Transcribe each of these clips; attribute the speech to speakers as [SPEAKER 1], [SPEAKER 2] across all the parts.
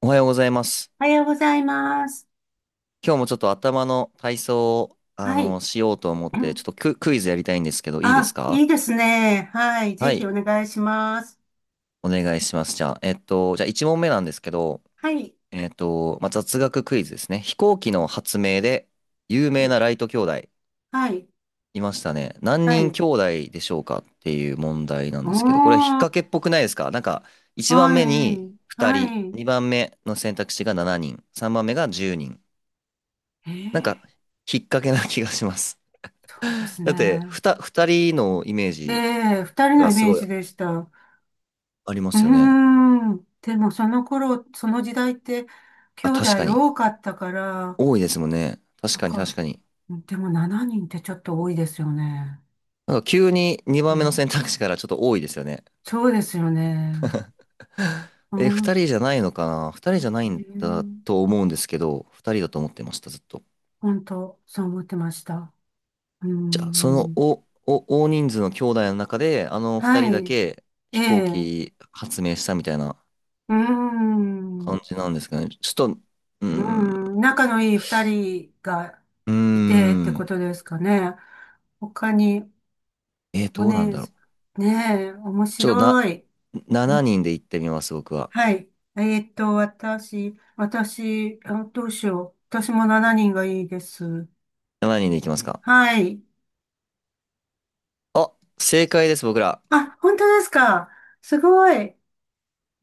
[SPEAKER 1] おはようございます。
[SPEAKER 2] おはようございます。
[SPEAKER 1] 今日もちょっと頭の体操を、
[SPEAKER 2] はい。
[SPEAKER 1] しようと思って、ちょっとクイズやりたいんですけど、いいです
[SPEAKER 2] あ、い
[SPEAKER 1] か？
[SPEAKER 2] いですね。はい。
[SPEAKER 1] は
[SPEAKER 2] ぜひ
[SPEAKER 1] い、
[SPEAKER 2] お願いします。
[SPEAKER 1] お願いします。じゃあ、1問目なんですけど、
[SPEAKER 2] はい。
[SPEAKER 1] まあ、雑学クイズですね。飛行機の発明で有
[SPEAKER 2] は
[SPEAKER 1] 名
[SPEAKER 2] い。
[SPEAKER 1] なライト兄弟
[SPEAKER 2] はい。
[SPEAKER 1] いましたね。何
[SPEAKER 2] は
[SPEAKER 1] 人
[SPEAKER 2] い。
[SPEAKER 1] 兄弟でしょうかっていう問題な
[SPEAKER 2] お
[SPEAKER 1] んですけど、これは引っ
[SPEAKER 2] ー。
[SPEAKER 1] 掛けっぽくないですか？なんか、1番
[SPEAKER 2] は
[SPEAKER 1] 目に
[SPEAKER 2] い。
[SPEAKER 1] 2
[SPEAKER 2] は
[SPEAKER 1] 人、
[SPEAKER 2] い。
[SPEAKER 1] 2番目の選択肢が7人、3番目が10人。
[SPEAKER 2] え
[SPEAKER 1] なんか、
[SPEAKER 2] ー、
[SPEAKER 1] 引っ掛けな気がします。
[SPEAKER 2] そうで す
[SPEAKER 1] だって、
[SPEAKER 2] ね。
[SPEAKER 1] 二人のイメー
[SPEAKER 2] え
[SPEAKER 1] ジ
[SPEAKER 2] え、二人の
[SPEAKER 1] が
[SPEAKER 2] イ
[SPEAKER 1] す
[SPEAKER 2] メー
[SPEAKER 1] ご
[SPEAKER 2] ジ
[SPEAKER 1] い
[SPEAKER 2] でした。う
[SPEAKER 1] ありま
[SPEAKER 2] ー
[SPEAKER 1] すよね。
[SPEAKER 2] ん。でも、その頃、その時代って、兄
[SPEAKER 1] あ、
[SPEAKER 2] 弟
[SPEAKER 1] 確かに。
[SPEAKER 2] 多かったから、
[SPEAKER 1] 多いですもんね。確
[SPEAKER 2] なん
[SPEAKER 1] かに確か
[SPEAKER 2] か、
[SPEAKER 1] に。
[SPEAKER 2] でも7人ってちょっと多いですよね。
[SPEAKER 1] なんか急に2
[SPEAKER 2] う
[SPEAKER 1] 番目の
[SPEAKER 2] ん、
[SPEAKER 1] 選択肢からちょっと多いですよね。
[SPEAKER 2] そうですよね。う
[SPEAKER 1] え、二
[SPEAKER 2] ん。
[SPEAKER 1] 人じゃないのかな？二人じゃないんだ
[SPEAKER 2] ね、
[SPEAKER 1] と思うんですけど、二人だと思ってました、ずっと。
[SPEAKER 2] 本当、そう思ってました。うー
[SPEAKER 1] じゃあ、その、
[SPEAKER 2] ん。
[SPEAKER 1] お、お、大人数の兄弟の中で、あの二
[SPEAKER 2] は
[SPEAKER 1] 人だ
[SPEAKER 2] い。
[SPEAKER 1] け
[SPEAKER 2] え
[SPEAKER 1] 飛行
[SPEAKER 2] え。う
[SPEAKER 1] 機発明したみたいな
[SPEAKER 2] ーん。う
[SPEAKER 1] 感じなんですかね。ちょっと、うー
[SPEAKER 2] ー
[SPEAKER 1] ん、
[SPEAKER 2] ん。仲のいい二人が
[SPEAKER 1] うー
[SPEAKER 2] いてってこ
[SPEAKER 1] ん、
[SPEAKER 2] とですかね。他に、お
[SPEAKER 1] どうなん
[SPEAKER 2] ね、
[SPEAKER 1] だろう。
[SPEAKER 2] ねえ、面
[SPEAKER 1] ちょっとな、
[SPEAKER 2] 白い。う
[SPEAKER 1] 7
[SPEAKER 2] ん。
[SPEAKER 1] 人で行ってみます、僕は。
[SPEAKER 2] はい。私、あ、どうしよう。私も7人がいいです。
[SPEAKER 1] 7人で行きますか？
[SPEAKER 2] はい。
[SPEAKER 1] あ、正解です、僕ら。
[SPEAKER 2] あ、本当ですか？すごい。へ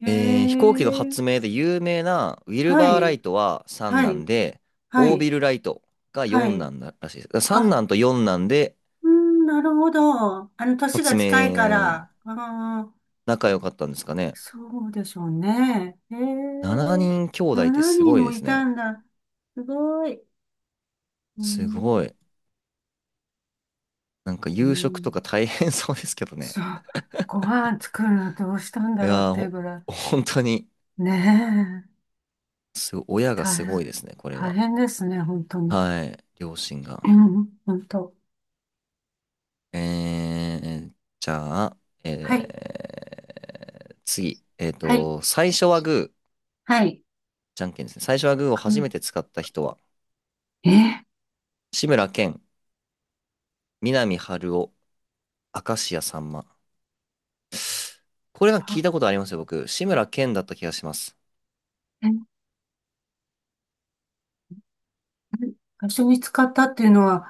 [SPEAKER 1] 飛行機の
[SPEAKER 2] え。
[SPEAKER 1] 発明で有名なウィル
[SPEAKER 2] は
[SPEAKER 1] バーラ
[SPEAKER 2] い。
[SPEAKER 1] イトは3
[SPEAKER 2] は
[SPEAKER 1] なん
[SPEAKER 2] い。
[SPEAKER 1] で、
[SPEAKER 2] は
[SPEAKER 1] オー
[SPEAKER 2] い。
[SPEAKER 1] ビルライトが
[SPEAKER 2] は
[SPEAKER 1] 4
[SPEAKER 2] い。
[SPEAKER 1] なんだらしいです。だから3
[SPEAKER 2] あ、
[SPEAKER 1] なんと4なんで、
[SPEAKER 2] うん、なるほど。年
[SPEAKER 1] 発
[SPEAKER 2] が近いか
[SPEAKER 1] 明、
[SPEAKER 2] ら。ああ、
[SPEAKER 1] 仲良かったんですかね。
[SPEAKER 2] そうでしょうね。へえ、
[SPEAKER 1] 7人兄弟って
[SPEAKER 2] 7
[SPEAKER 1] すご
[SPEAKER 2] 人
[SPEAKER 1] い
[SPEAKER 2] も
[SPEAKER 1] で
[SPEAKER 2] い
[SPEAKER 1] す
[SPEAKER 2] た
[SPEAKER 1] ね。
[SPEAKER 2] んだ。すごい。う
[SPEAKER 1] すご
[SPEAKER 2] ん、
[SPEAKER 1] い。なんか
[SPEAKER 2] う
[SPEAKER 1] 夕食と
[SPEAKER 2] ん、
[SPEAKER 1] か大変そうですけどね。
[SPEAKER 2] そう。ご飯作るのどうしたん
[SPEAKER 1] い
[SPEAKER 2] だろうっ
[SPEAKER 1] やー、
[SPEAKER 2] ていうぐら
[SPEAKER 1] 本当に、
[SPEAKER 2] い。ねえ、
[SPEAKER 1] すごい、親が
[SPEAKER 2] 大
[SPEAKER 1] すご
[SPEAKER 2] 変、
[SPEAKER 1] いですね、これ
[SPEAKER 2] 大
[SPEAKER 1] は。
[SPEAKER 2] 変ですね、本当に。
[SPEAKER 1] はい、両親
[SPEAKER 2] う
[SPEAKER 1] が。
[SPEAKER 2] ん、本当。
[SPEAKER 1] えー、じゃあ、
[SPEAKER 2] はい、
[SPEAKER 1] え次。
[SPEAKER 2] はい、
[SPEAKER 1] 最初はグー、
[SPEAKER 2] はい。
[SPEAKER 1] じゃんけんですね。最初はグーを
[SPEAKER 2] う
[SPEAKER 1] 初め
[SPEAKER 2] ん。
[SPEAKER 1] て使った人は、
[SPEAKER 2] え、
[SPEAKER 1] 志村けん、南春夫、明石家さんま。これなんか聞
[SPEAKER 2] あ
[SPEAKER 1] いたことありますよ、僕。志村けんだった気がします。
[SPEAKER 2] 最初に使ったっていうのは、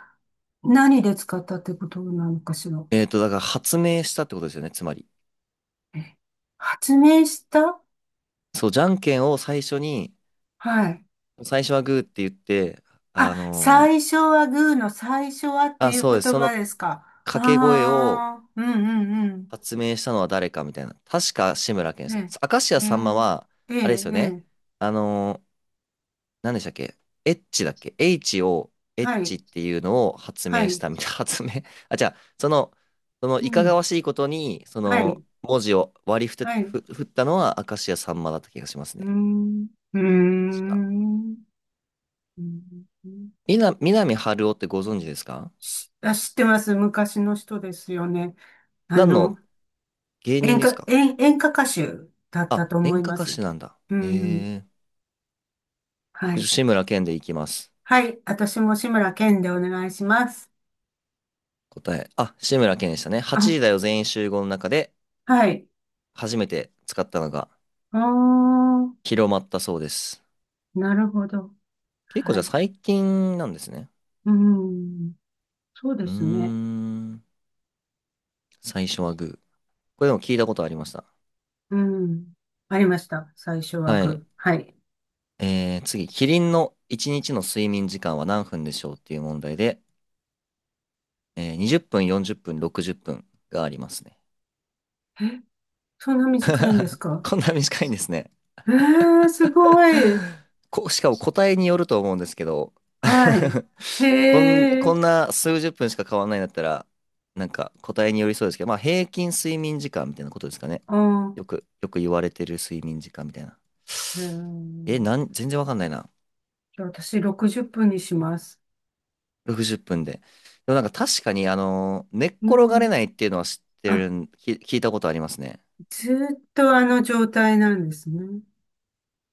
[SPEAKER 2] 何で使ったってことなのかしら。
[SPEAKER 1] だから発明したってことですよね、つまり。
[SPEAKER 2] え発明した。
[SPEAKER 1] そう、じゃんけんを最初に、
[SPEAKER 2] はい。
[SPEAKER 1] 最初はグーって言って、あ
[SPEAKER 2] あ、
[SPEAKER 1] の
[SPEAKER 2] 最初はグーの最初はって
[SPEAKER 1] あ、
[SPEAKER 2] いう
[SPEAKER 1] そうです。
[SPEAKER 2] 言
[SPEAKER 1] その
[SPEAKER 2] 葉ですか？
[SPEAKER 1] 掛け声を、
[SPEAKER 2] ああ、うん、うん、うん。
[SPEAKER 1] 発明したのは誰かみたいな。確か志村けんですよ。
[SPEAKER 2] ね
[SPEAKER 1] 明石家
[SPEAKER 2] え、え
[SPEAKER 1] さんま
[SPEAKER 2] え、
[SPEAKER 1] は、
[SPEAKER 2] え
[SPEAKER 1] あれで
[SPEAKER 2] え、
[SPEAKER 1] すよね。
[SPEAKER 2] ええ、
[SPEAKER 1] あのー、何でしたっけ？エッチだっけ？ H を、エッ
[SPEAKER 2] は
[SPEAKER 1] チ
[SPEAKER 2] い、
[SPEAKER 1] っていうのを発
[SPEAKER 2] は
[SPEAKER 1] 明し
[SPEAKER 2] い、
[SPEAKER 1] たみたいな。あ、じゃあ、その、
[SPEAKER 2] う
[SPEAKER 1] いか
[SPEAKER 2] ん、
[SPEAKER 1] がわしいことに、そ
[SPEAKER 2] は
[SPEAKER 1] の、
[SPEAKER 2] い、
[SPEAKER 1] 文字を割り振っ
[SPEAKER 2] は
[SPEAKER 1] て、
[SPEAKER 2] い、う
[SPEAKER 1] 振ったのは明石家さんまだった気がします
[SPEAKER 2] ー
[SPEAKER 1] ね。
[SPEAKER 2] ん、うー
[SPEAKER 1] 確か。
[SPEAKER 2] ん、うーん。
[SPEAKER 1] 南春夫ってご存知ですか？
[SPEAKER 2] 知ってます。昔の人ですよね。あ
[SPEAKER 1] 何
[SPEAKER 2] の、
[SPEAKER 1] の芸
[SPEAKER 2] 演
[SPEAKER 1] 人です
[SPEAKER 2] 歌、
[SPEAKER 1] か？
[SPEAKER 2] 演、演歌歌手だった
[SPEAKER 1] あ、
[SPEAKER 2] と思
[SPEAKER 1] 演
[SPEAKER 2] い
[SPEAKER 1] 歌
[SPEAKER 2] ま
[SPEAKER 1] 歌
[SPEAKER 2] す。
[SPEAKER 1] 手なんだ。
[SPEAKER 2] うん。
[SPEAKER 1] ええ、
[SPEAKER 2] は
[SPEAKER 1] 僕、
[SPEAKER 2] い。
[SPEAKER 1] 志村けんでいきます。
[SPEAKER 2] はい。私も志村けんでお願いします。
[SPEAKER 1] 答え。あ、志村けんでしたね。8時だ
[SPEAKER 2] あ、
[SPEAKER 1] よ全員集合の中で
[SPEAKER 2] はい。
[SPEAKER 1] 初めて使ったのが
[SPEAKER 2] あー、
[SPEAKER 1] 広まったそうです。
[SPEAKER 2] なるほど。
[SPEAKER 1] 結構じ
[SPEAKER 2] は
[SPEAKER 1] ゃあ
[SPEAKER 2] い。
[SPEAKER 1] 最近なんですね。
[SPEAKER 2] うん。そうで
[SPEAKER 1] うー
[SPEAKER 2] すね。
[SPEAKER 1] ん。最初はグー。これでも聞いたことありました。
[SPEAKER 2] うん。ありました。最初は
[SPEAKER 1] は
[SPEAKER 2] グ
[SPEAKER 1] い。
[SPEAKER 2] ー。はい。
[SPEAKER 1] 次。キリンの1日の睡眠時間は何分でしょうっていう問題で、20分、40分、60分がありますね。
[SPEAKER 2] そんな短いんですか？
[SPEAKER 1] こんな短いんですね。
[SPEAKER 2] えー、すごい。
[SPEAKER 1] しかも答えによると思うんですけど
[SPEAKER 2] はい。へ
[SPEAKER 1] こ
[SPEAKER 2] え。
[SPEAKER 1] んな数十分しか変わらないんだったら、なんか答えによりそうですけど、まあ平均睡眠時間みたいなことですかね。
[SPEAKER 2] あ
[SPEAKER 1] よく言われてる睡眠時間みたいな。
[SPEAKER 2] ー、え
[SPEAKER 1] え、
[SPEAKER 2] ー、
[SPEAKER 1] 全然わかんないな。
[SPEAKER 2] じゃあ私60分にします。
[SPEAKER 1] 60分で。でもなんか確かに、寝っ
[SPEAKER 2] う
[SPEAKER 1] 転がれ
[SPEAKER 2] ん。
[SPEAKER 1] ないっていうのは知って
[SPEAKER 2] あ、
[SPEAKER 1] るん、き、聞いたことありますね。
[SPEAKER 2] ずーっとあの状態なんですね。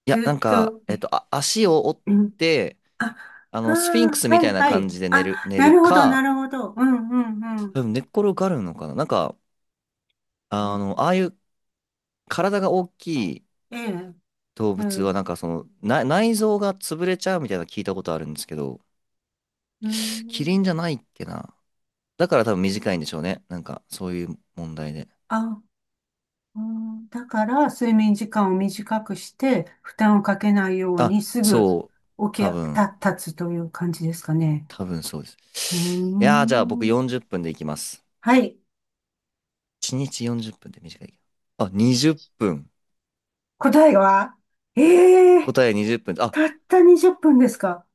[SPEAKER 1] い
[SPEAKER 2] ず
[SPEAKER 1] や、
[SPEAKER 2] ー
[SPEAKER 1] なん
[SPEAKER 2] っ
[SPEAKER 1] か、
[SPEAKER 2] と、え、
[SPEAKER 1] あ、足を折っ
[SPEAKER 2] うん。
[SPEAKER 1] て、
[SPEAKER 2] あ、あ
[SPEAKER 1] スフィンクス
[SPEAKER 2] あ、
[SPEAKER 1] み
[SPEAKER 2] は
[SPEAKER 1] たい
[SPEAKER 2] い、
[SPEAKER 1] な
[SPEAKER 2] は
[SPEAKER 1] 感
[SPEAKER 2] い。
[SPEAKER 1] じで
[SPEAKER 2] あ、
[SPEAKER 1] 寝
[SPEAKER 2] な
[SPEAKER 1] る
[SPEAKER 2] るほど、な
[SPEAKER 1] か、
[SPEAKER 2] るほど。うん、うん、うん。
[SPEAKER 1] うん、寝っ転がるのかな。なんか、
[SPEAKER 2] ええ、
[SPEAKER 1] ああいう体が大きい、
[SPEAKER 2] え
[SPEAKER 1] 動
[SPEAKER 2] え、え
[SPEAKER 1] 物は
[SPEAKER 2] え、
[SPEAKER 1] なんか内臓が潰れちゃうみたいなの聞いたことあるんですけど、キリンじゃないっけな。だから多分短いんでしょうね。なんかそういう問題で。
[SPEAKER 2] あ、うん、だから、睡眠時間を短くして、負担をかけないように、
[SPEAKER 1] あ、
[SPEAKER 2] すぐ
[SPEAKER 1] そう。
[SPEAKER 2] 起き
[SPEAKER 1] 多分、
[SPEAKER 2] た、立つという感じですかね。
[SPEAKER 1] 多分そうで
[SPEAKER 2] う
[SPEAKER 1] す。いやー、じゃあ僕
[SPEAKER 2] ーん。
[SPEAKER 1] 40分でいきます。
[SPEAKER 2] はい。
[SPEAKER 1] 1日40分っぷんって短い。あ、20分。
[SPEAKER 2] 答えは？ええ、
[SPEAKER 1] 答え20分。あ、
[SPEAKER 2] たった20分ですか？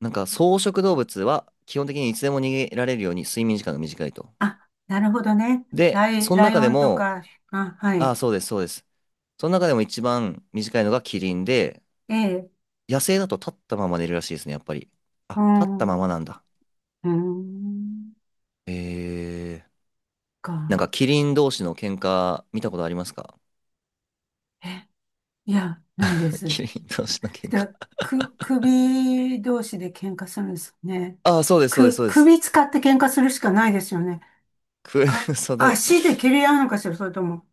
[SPEAKER 1] なんか草食動物は基本的にいつでも逃げられるように睡眠時間が短いと。
[SPEAKER 2] あ、なるほどね。
[SPEAKER 1] で、その
[SPEAKER 2] ライ
[SPEAKER 1] 中
[SPEAKER 2] オ
[SPEAKER 1] で
[SPEAKER 2] ンと
[SPEAKER 1] も、
[SPEAKER 2] か、あ、は
[SPEAKER 1] あ、
[SPEAKER 2] い。
[SPEAKER 1] そうです、そうです。その中でも一番短いのがキリンで、
[SPEAKER 2] ええ、
[SPEAKER 1] 野生だと立ったまま寝るらしいですね、やっぱり。
[SPEAKER 2] う
[SPEAKER 1] あ、
[SPEAKER 2] ー
[SPEAKER 1] 立ったま
[SPEAKER 2] ん、
[SPEAKER 1] まなんだ。
[SPEAKER 2] うーん、
[SPEAKER 1] えー、なん
[SPEAKER 2] か。
[SPEAKER 1] かキリン同士の喧嘩見たことありますか？
[SPEAKER 2] え、いや、ないで す。
[SPEAKER 1] キリン同士の喧嘩。
[SPEAKER 2] で、首同士で喧嘩するんですね。
[SPEAKER 1] あ、そうです、そうです、
[SPEAKER 2] く、
[SPEAKER 1] そうです。
[SPEAKER 2] 首使って喧嘩するしかないですよね。
[SPEAKER 1] く、
[SPEAKER 2] あ、
[SPEAKER 1] そうだね。
[SPEAKER 2] 足で蹴り合うのかしら、それとも。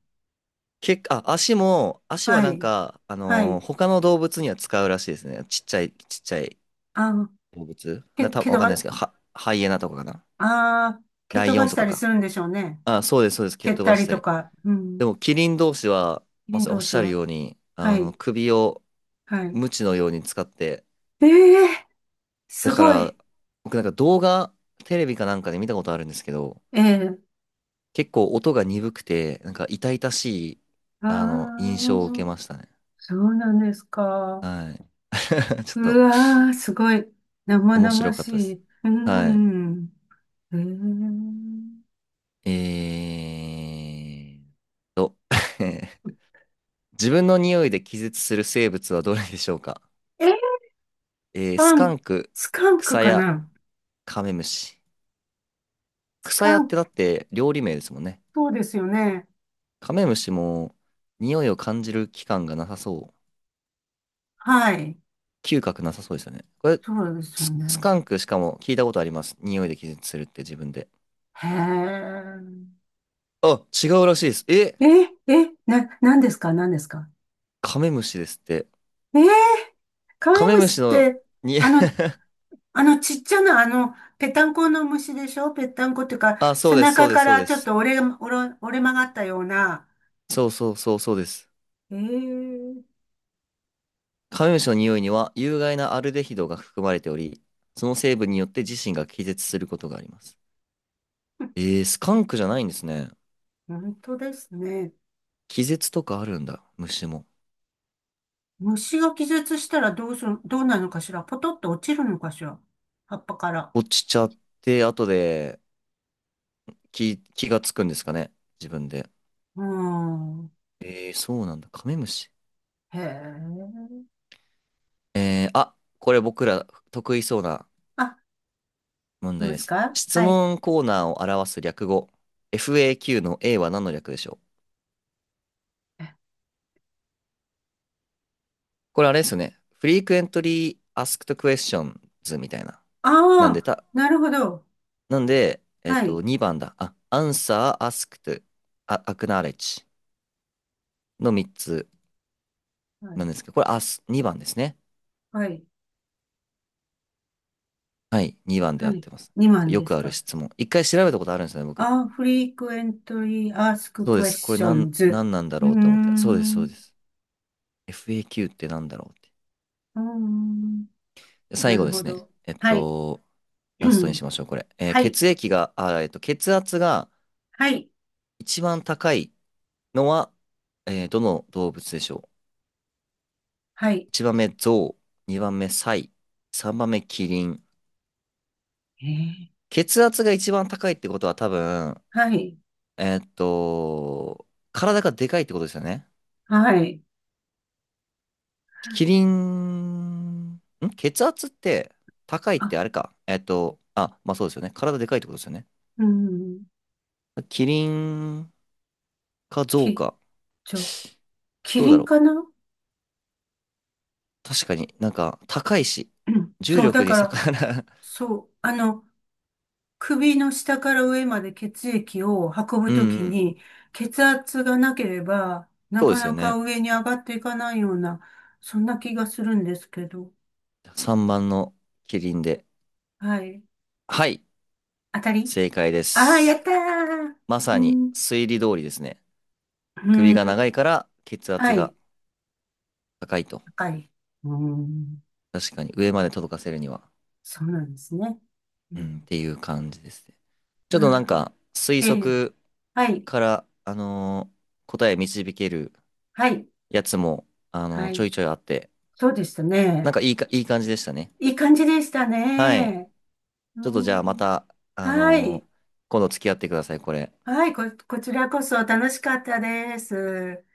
[SPEAKER 1] 結構、あ、足は
[SPEAKER 2] は
[SPEAKER 1] なん
[SPEAKER 2] い、
[SPEAKER 1] か、
[SPEAKER 2] はい。
[SPEAKER 1] 他の動物には使うらしいですね。ちっちゃい、ちっちゃい
[SPEAKER 2] あ、
[SPEAKER 1] 動物。
[SPEAKER 2] け、蹴
[SPEAKER 1] わ
[SPEAKER 2] 飛
[SPEAKER 1] かんないで
[SPEAKER 2] ば、
[SPEAKER 1] すけど、ハイエナとかかな。
[SPEAKER 2] あー、蹴
[SPEAKER 1] ラ
[SPEAKER 2] 飛
[SPEAKER 1] イオン
[SPEAKER 2] ばし
[SPEAKER 1] と
[SPEAKER 2] た
[SPEAKER 1] か
[SPEAKER 2] りす
[SPEAKER 1] か。
[SPEAKER 2] るんでしょうね。
[SPEAKER 1] あ、そうです、そうです。蹴っ
[SPEAKER 2] 蹴っ
[SPEAKER 1] 飛ば
[SPEAKER 2] た
[SPEAKER 1] し
[SPEAKER 2] り
[SPEAKER 1] た
[SPEAKER 2] と
[SPEAKER 1] り。
[SPEAKER 2] か、うん、
[SPEAKER 1] でも、キリン同士は、ま
[SPEAKER 2] 人
[SPEAKER 1] さにお
[SPEAKER 2] 同
[SPEAKER 1] っし
[SPEAKER 2] 士
[SPEAKER 1] ゃるよ
[SPEAKER 2] は。
[SPEAKER 1] うに、
[SPEAKER 2] はい、
[SPEAKER 1] 首を、
[SPEAKER 2] はい。
[SPEAKER 1] 鞭のように使って、
[SPEAKER 2] ええ、
[SPEAKER 1] だ
[SPEAKER 2] す
[SPEAKER 1] か
[SPEAKER 2] ご
[SPEAKER 1] ら、
[SPEAKER 2] い。
[SPEAKER 1] 僕なんか動画、テレビかなんかで見たことあるんですけど、
[SPEAKER 2] ええ。
[SPEAKER 1] 結構音が鈍くて、なんか痛々しい、
[SPEAKER 2] あ
[SPEAKER 1] 印象を受け
[SPEAKER 2] あ、
[SPEAKER 1] ましたね。
[SPEAKER 2] そうなんですか？
[SPEAKER 1] はい。ちょっ
[SPEAKER 2] う
[SPEAKER 1] と
[SPEAKER 2] わー、すごい。生
[SPEAKER 1] 面白
[SPEAKER 2] 々
[SPEAKER 1] かったで
[SPEAKER 2] し
[SPEAKER 1] す。
[SPEAKER 2] い。う
[SPEAKER 1] はい。
[SPEAKER 2] ん。え
[SPEAKER 1] えーっと 自分の匂いで気絶する生物はどれでしょうか？
[SPEAKER 2] え。え、
[SPEAKER 1] ス
[SPEAKER 2] パ
[SPEAKER 1] カ
[SPEAKER 2] ン、
[SPEAKER 1] ンク、
[SPEAKER 2] スカン
[SPEAKER 1] ク
[SPEAKER 2] ク
[SPEAKER 1] サ
[SPEAKER 2] か
[SPEAKER 1] ヤ、
[SPEAKER 2] な？
[SPEAKER 1] カメムシ。
[SPEAKER 2] ス
[SPEAKER 1] クサ
[SPEAKER 2] カ
[SPEAKER 1] ヤっ
[SPEAKER 2] ン
[SPEAKER 1] て
[SPEAKER 2] ク、
[SPEAKER 1] だって料理名ですもんね。
[SPEAKER 2] そうですよね。
[SPEAKER 1] カメムシも匂いを感じる器官がなさそう。
[SPEAKER 2] はい。
[SPEAKER 1] 嗅覚なさそうですよね。これ、
[SPEAKER 2] そうですよ
[SPEAKER 1] ス
[SPEAKER 2] ね。
[SPEAKER 1] カンクしかも聞いたことあります。匂いで気絶するって自分で。
[SPEAKER 2] へ
[SPEAKER 1] あ、違うらしいです。え、
[SPEAKER 2] え。何ですか？何ですか？
[SPEAKER 1] カメムシですって。
[SPEAKER 2] ええー、カメ
[SPEAKER 1] カメ
[SPEAKER 2] ム
[SPEAKER 1] ム
[SPEAKER 2] シ
[SPEAKER 1] シ
[SPEAKER 2] っ
[SPEAKER 1] の
[SPEAKER 2] て、
[SPEAKER 1] に、
[SPEAKER 2] あの、ちっちゃな、ぺたんこの虫でしょ？ぺったんこっていうか、
[SPEAKER 1] あ、そ
[SPEAKER 2] 背
[SPEAKER 1] うです、そ
[SPEAKER 2] 中
[SPEAKER 1] うで
[SPEAKER 2] か
[SPEAKER 1] す、そう
[SPEAKER 2] ら
[SPEAKER 1] で
[SPEAKER 2] ちょっ
[SPEAKER 1] す。
[SPEAKER 2] と折れ曲がったような。
[SPEAKER 1] そうそうそうそうです。
[SPEAKER 2] ええ、
[SPEAKER 1] カメムシの匂いには有害なアルデヒドが含まれており、その成分によって自身が気絶することがあります。スカンクじゃないんですね。
[SPEAKER 2] 本当ですね。
[SPEAKER 1] 気絶とかあるんだ、虫も。
[SPEAKER 2] 虫が気絶したらどうなるのかしら？ポトッと落ちるのかしら、葉っぱから。
[SPEAKER 1] 落ちちゃって、後で気がつくんですかね、自分で。
[SPEAKER 2] うーん。
[SPEAKER 1] そうなんだ。カメムシ。
[SPEAKER 2] へえ。
[SPEAKER 1] あ、これ僕ら得意そうな
[SPEAKER 2] あ、
[SPEAKER 1] 問
[SPEAKER 2] い
[SPEAKER 1] 題
[SPEAKER 2] ま
[SPEAKER 1] で
[SPEAKER 2] す
[SPEAKER 1] す。
[SPEAKER 2] か？
[SPEAKER 1] 質
[SPEAKER 2] はい。
[SPEAKER 1] 問コーナーを表す略語、FAQ の A は何の略でしょう？これあれですよね。Frequently Asked Questions みたいな。
[SPEAKER 2] あ
[SPEAKER 1] なんで
[SPEAKER 2] あ
[SPEAKER 1] た、
[SPEAKER 2] ー、なるほど。
[SPEAKER 1] なんで、
[SPEAKER 2] はい。
[SPEAKER 1] 2番だ。あ、Answer、 Asked、 Acknowledge の3つ
[SPEAKER 2] は
[SPEAKER 1] な
[SPEAKER 2] い。
[SPEAKER 1] んですけど、これ、2番ですね。
[SPEAKER 2] はい。
[SPEAKER 1] はい、2番で
[SPEAKER 2] は
[SPEAKER 1] 合っ
[SPEAKER 2] い。
[SPEAKER 1] てます。
[SPEAKER 2] 2
[SPEAKER 1] そう、
[SPEAKER 2] 万
[SPEAKER 1] よ
[SPEAKER 2] で
[SPEAKER 1] く
[SPEAKER 2] す
[SPEAKER 1] ある
[SPEAKER 2] か？
[SPEAKER 1] 質問。一回調べたことあるんですよね、僕。
[SPEAKER 2] あ、frequently asked
[SPEAKER 1] そうです。これ
[SPEAKER 2] questions。う
[SPEAKER 1] なんなんだ
[SPEAKER 2] ー
[SPEAKER 1] ろうって思って。そうです、そ
[SPEAKER 2] ん、
[SPEAKER 1] うで
[SPEAKER 2] う
[SPEAKER 1] す。FAQ ってなんだろうって。
[SPEAKER 2] ーん、
[SPEAKER 1] で
[SPEAKER 2] な
[SPEAKER 1] 最後
[SPEAKER 2] る
[SPEAKER 1] で
[SPEAKER 2] ほ
[SPEAKER 1] すね。
[SPEAKER 2] ど。はい。
[SPEAKER 1] ラストにし ましょう、これ。えー
[SPEAKER 2] はい。
[SPEAKER 1] 血液が、あ、血圧が
[SPEAKER 2] はい。
[SPEAKER 1] 一番高いのは、どの動物でしょ
[SPEAKER 2] はい。
[SPEAKER 1] う？ 1 番目、ゾウ。2番目、サイ。3番目、キリン。
[SPEAKER 2] えー、
[SPEAKER 1] 血圧が一番高いってことは多分、
[SPEAKER 2] はい。
[SPEAKER 1] えっと、体がでかいってことですよね。
[SPEAKER 2] はい。
[SPEAKER 1] キリン、血圧って高いって
[SPEAKER 2] あ、
[SPEAKER 1] あれか。あ、まあそうですよね。体でかいってことですよね。
[SPEAKER 2] うん。
[SPEAKER 1] キリン、か増
[SPEAKER 2] き、
[SPEAKER 1] か。
[SPEAKER 2] ちょ、キ
[SPEAKER 1] どう
[SPEAKER 2] リ
[SPEAKER 1] だ
[SPEAKER 2] ン
[SPEAKER 1] ろう。
[SPEAKER 2] かな？
[SPEAKER 1] 確かになんか高いし、
[SPEAKER 2] うん。
[SPEAKER 1] 重
[SPEAKER 2] そう、だ
[SPEAKER 1] 力に
[SPEAKER 2] か
[SPEAKER 1] 逆
[SPEAKER 2] ら、
[SPEAKER 1] らう。
[SPEAKER 2] そう、首の下から上まで血液を運 ぶ
[SPEAKER 1] うん
[SPEAKER 2] と
[SPEAKER 1] う
[SPEAKER 2] き
[SPEAKER 1] ん。
[SPEAKER 2] に、血圧がなければ、な
[SPEAKER 1] そうで
[SPEAKER 2] か
[SPEAKER 1] すよ
[SPEAKER 2] なか
[SPEAKER 1] ね。
[SPEAKER 2] 上に上がっていかないような、そんな気がするんですけど。
[SPEAKER 1] 3番のキリンで。
[SPEAKER 2] はい。
[SPEAKER 1] はい、
[SPEAKER 2] 当たり。
[SPEAKER 1] 正解で
[SPEAKER 2] ああー、や
[SPEAKER 1] す。
[SPEAKER 2] ったー。
[SPEAKER 1] まさ
[SPEAKER 2] う
[SPEAKER 1] に
[SPEAKER 2] ん。
[SPEAKER 1] 推理通りですね。
[SPEAKER 2] う
[SPEAKER 1] 首が
[SPEAKER 2] ん。
[SPEAKER 1] 長いから血圧
[SPEAKER 2] は
[SPEAKER 1] が
[SPEAKER 2] い。
[SPEAKER 1] 高いと。
[SPEAKER 2] 高い。うん。
[SPEAKER 1] 確かに上まで届かせるには。
[SPEAKER 2] そうなんですね。う
[SPEAKER 1] うん、っ
[SPEAKER 2] ん。
[SPEAKER 1] ていう感じですね。ちょっとなん
[SPEAKER 2] あ
[SPEAKER 1] か推
[SPEAKER 2] ええ。
[SPEAKER 1] 測
[SPEAKER 2] はい。
[SPEAKER 1] から、答え導ける
[SPEAKER 2] はい。
[SPEAKER 1] やつも、
[SPEAKER 2] は
[SPEAKER 1] ちょ
[SPEAKER 2] い。
[SPEAKER 1] いちょいあって、
[SPEAKER 2] そうでした
[SPEAKER 1] なん
[SPEAKER 2] ね。
[SPEAKER 1] かいい感じでしたね。
[SPEAKER 2] いい感じでした
[SPEAKER 1] はい。
[SPEAKER 2] ね。う
[SPEAKER 1] ちょっとじゃあま
[SPEAKER 2] ん。
[SPEAKER 1] た、あ
[SPEAKER 2] は
[SPEAKER 1] の
[SPEAKER 2] い。
[SPEAKER 1] ー今度付き合ってください、これ。
[SPEAKER 2] はい。こちらこそ楽しかったです。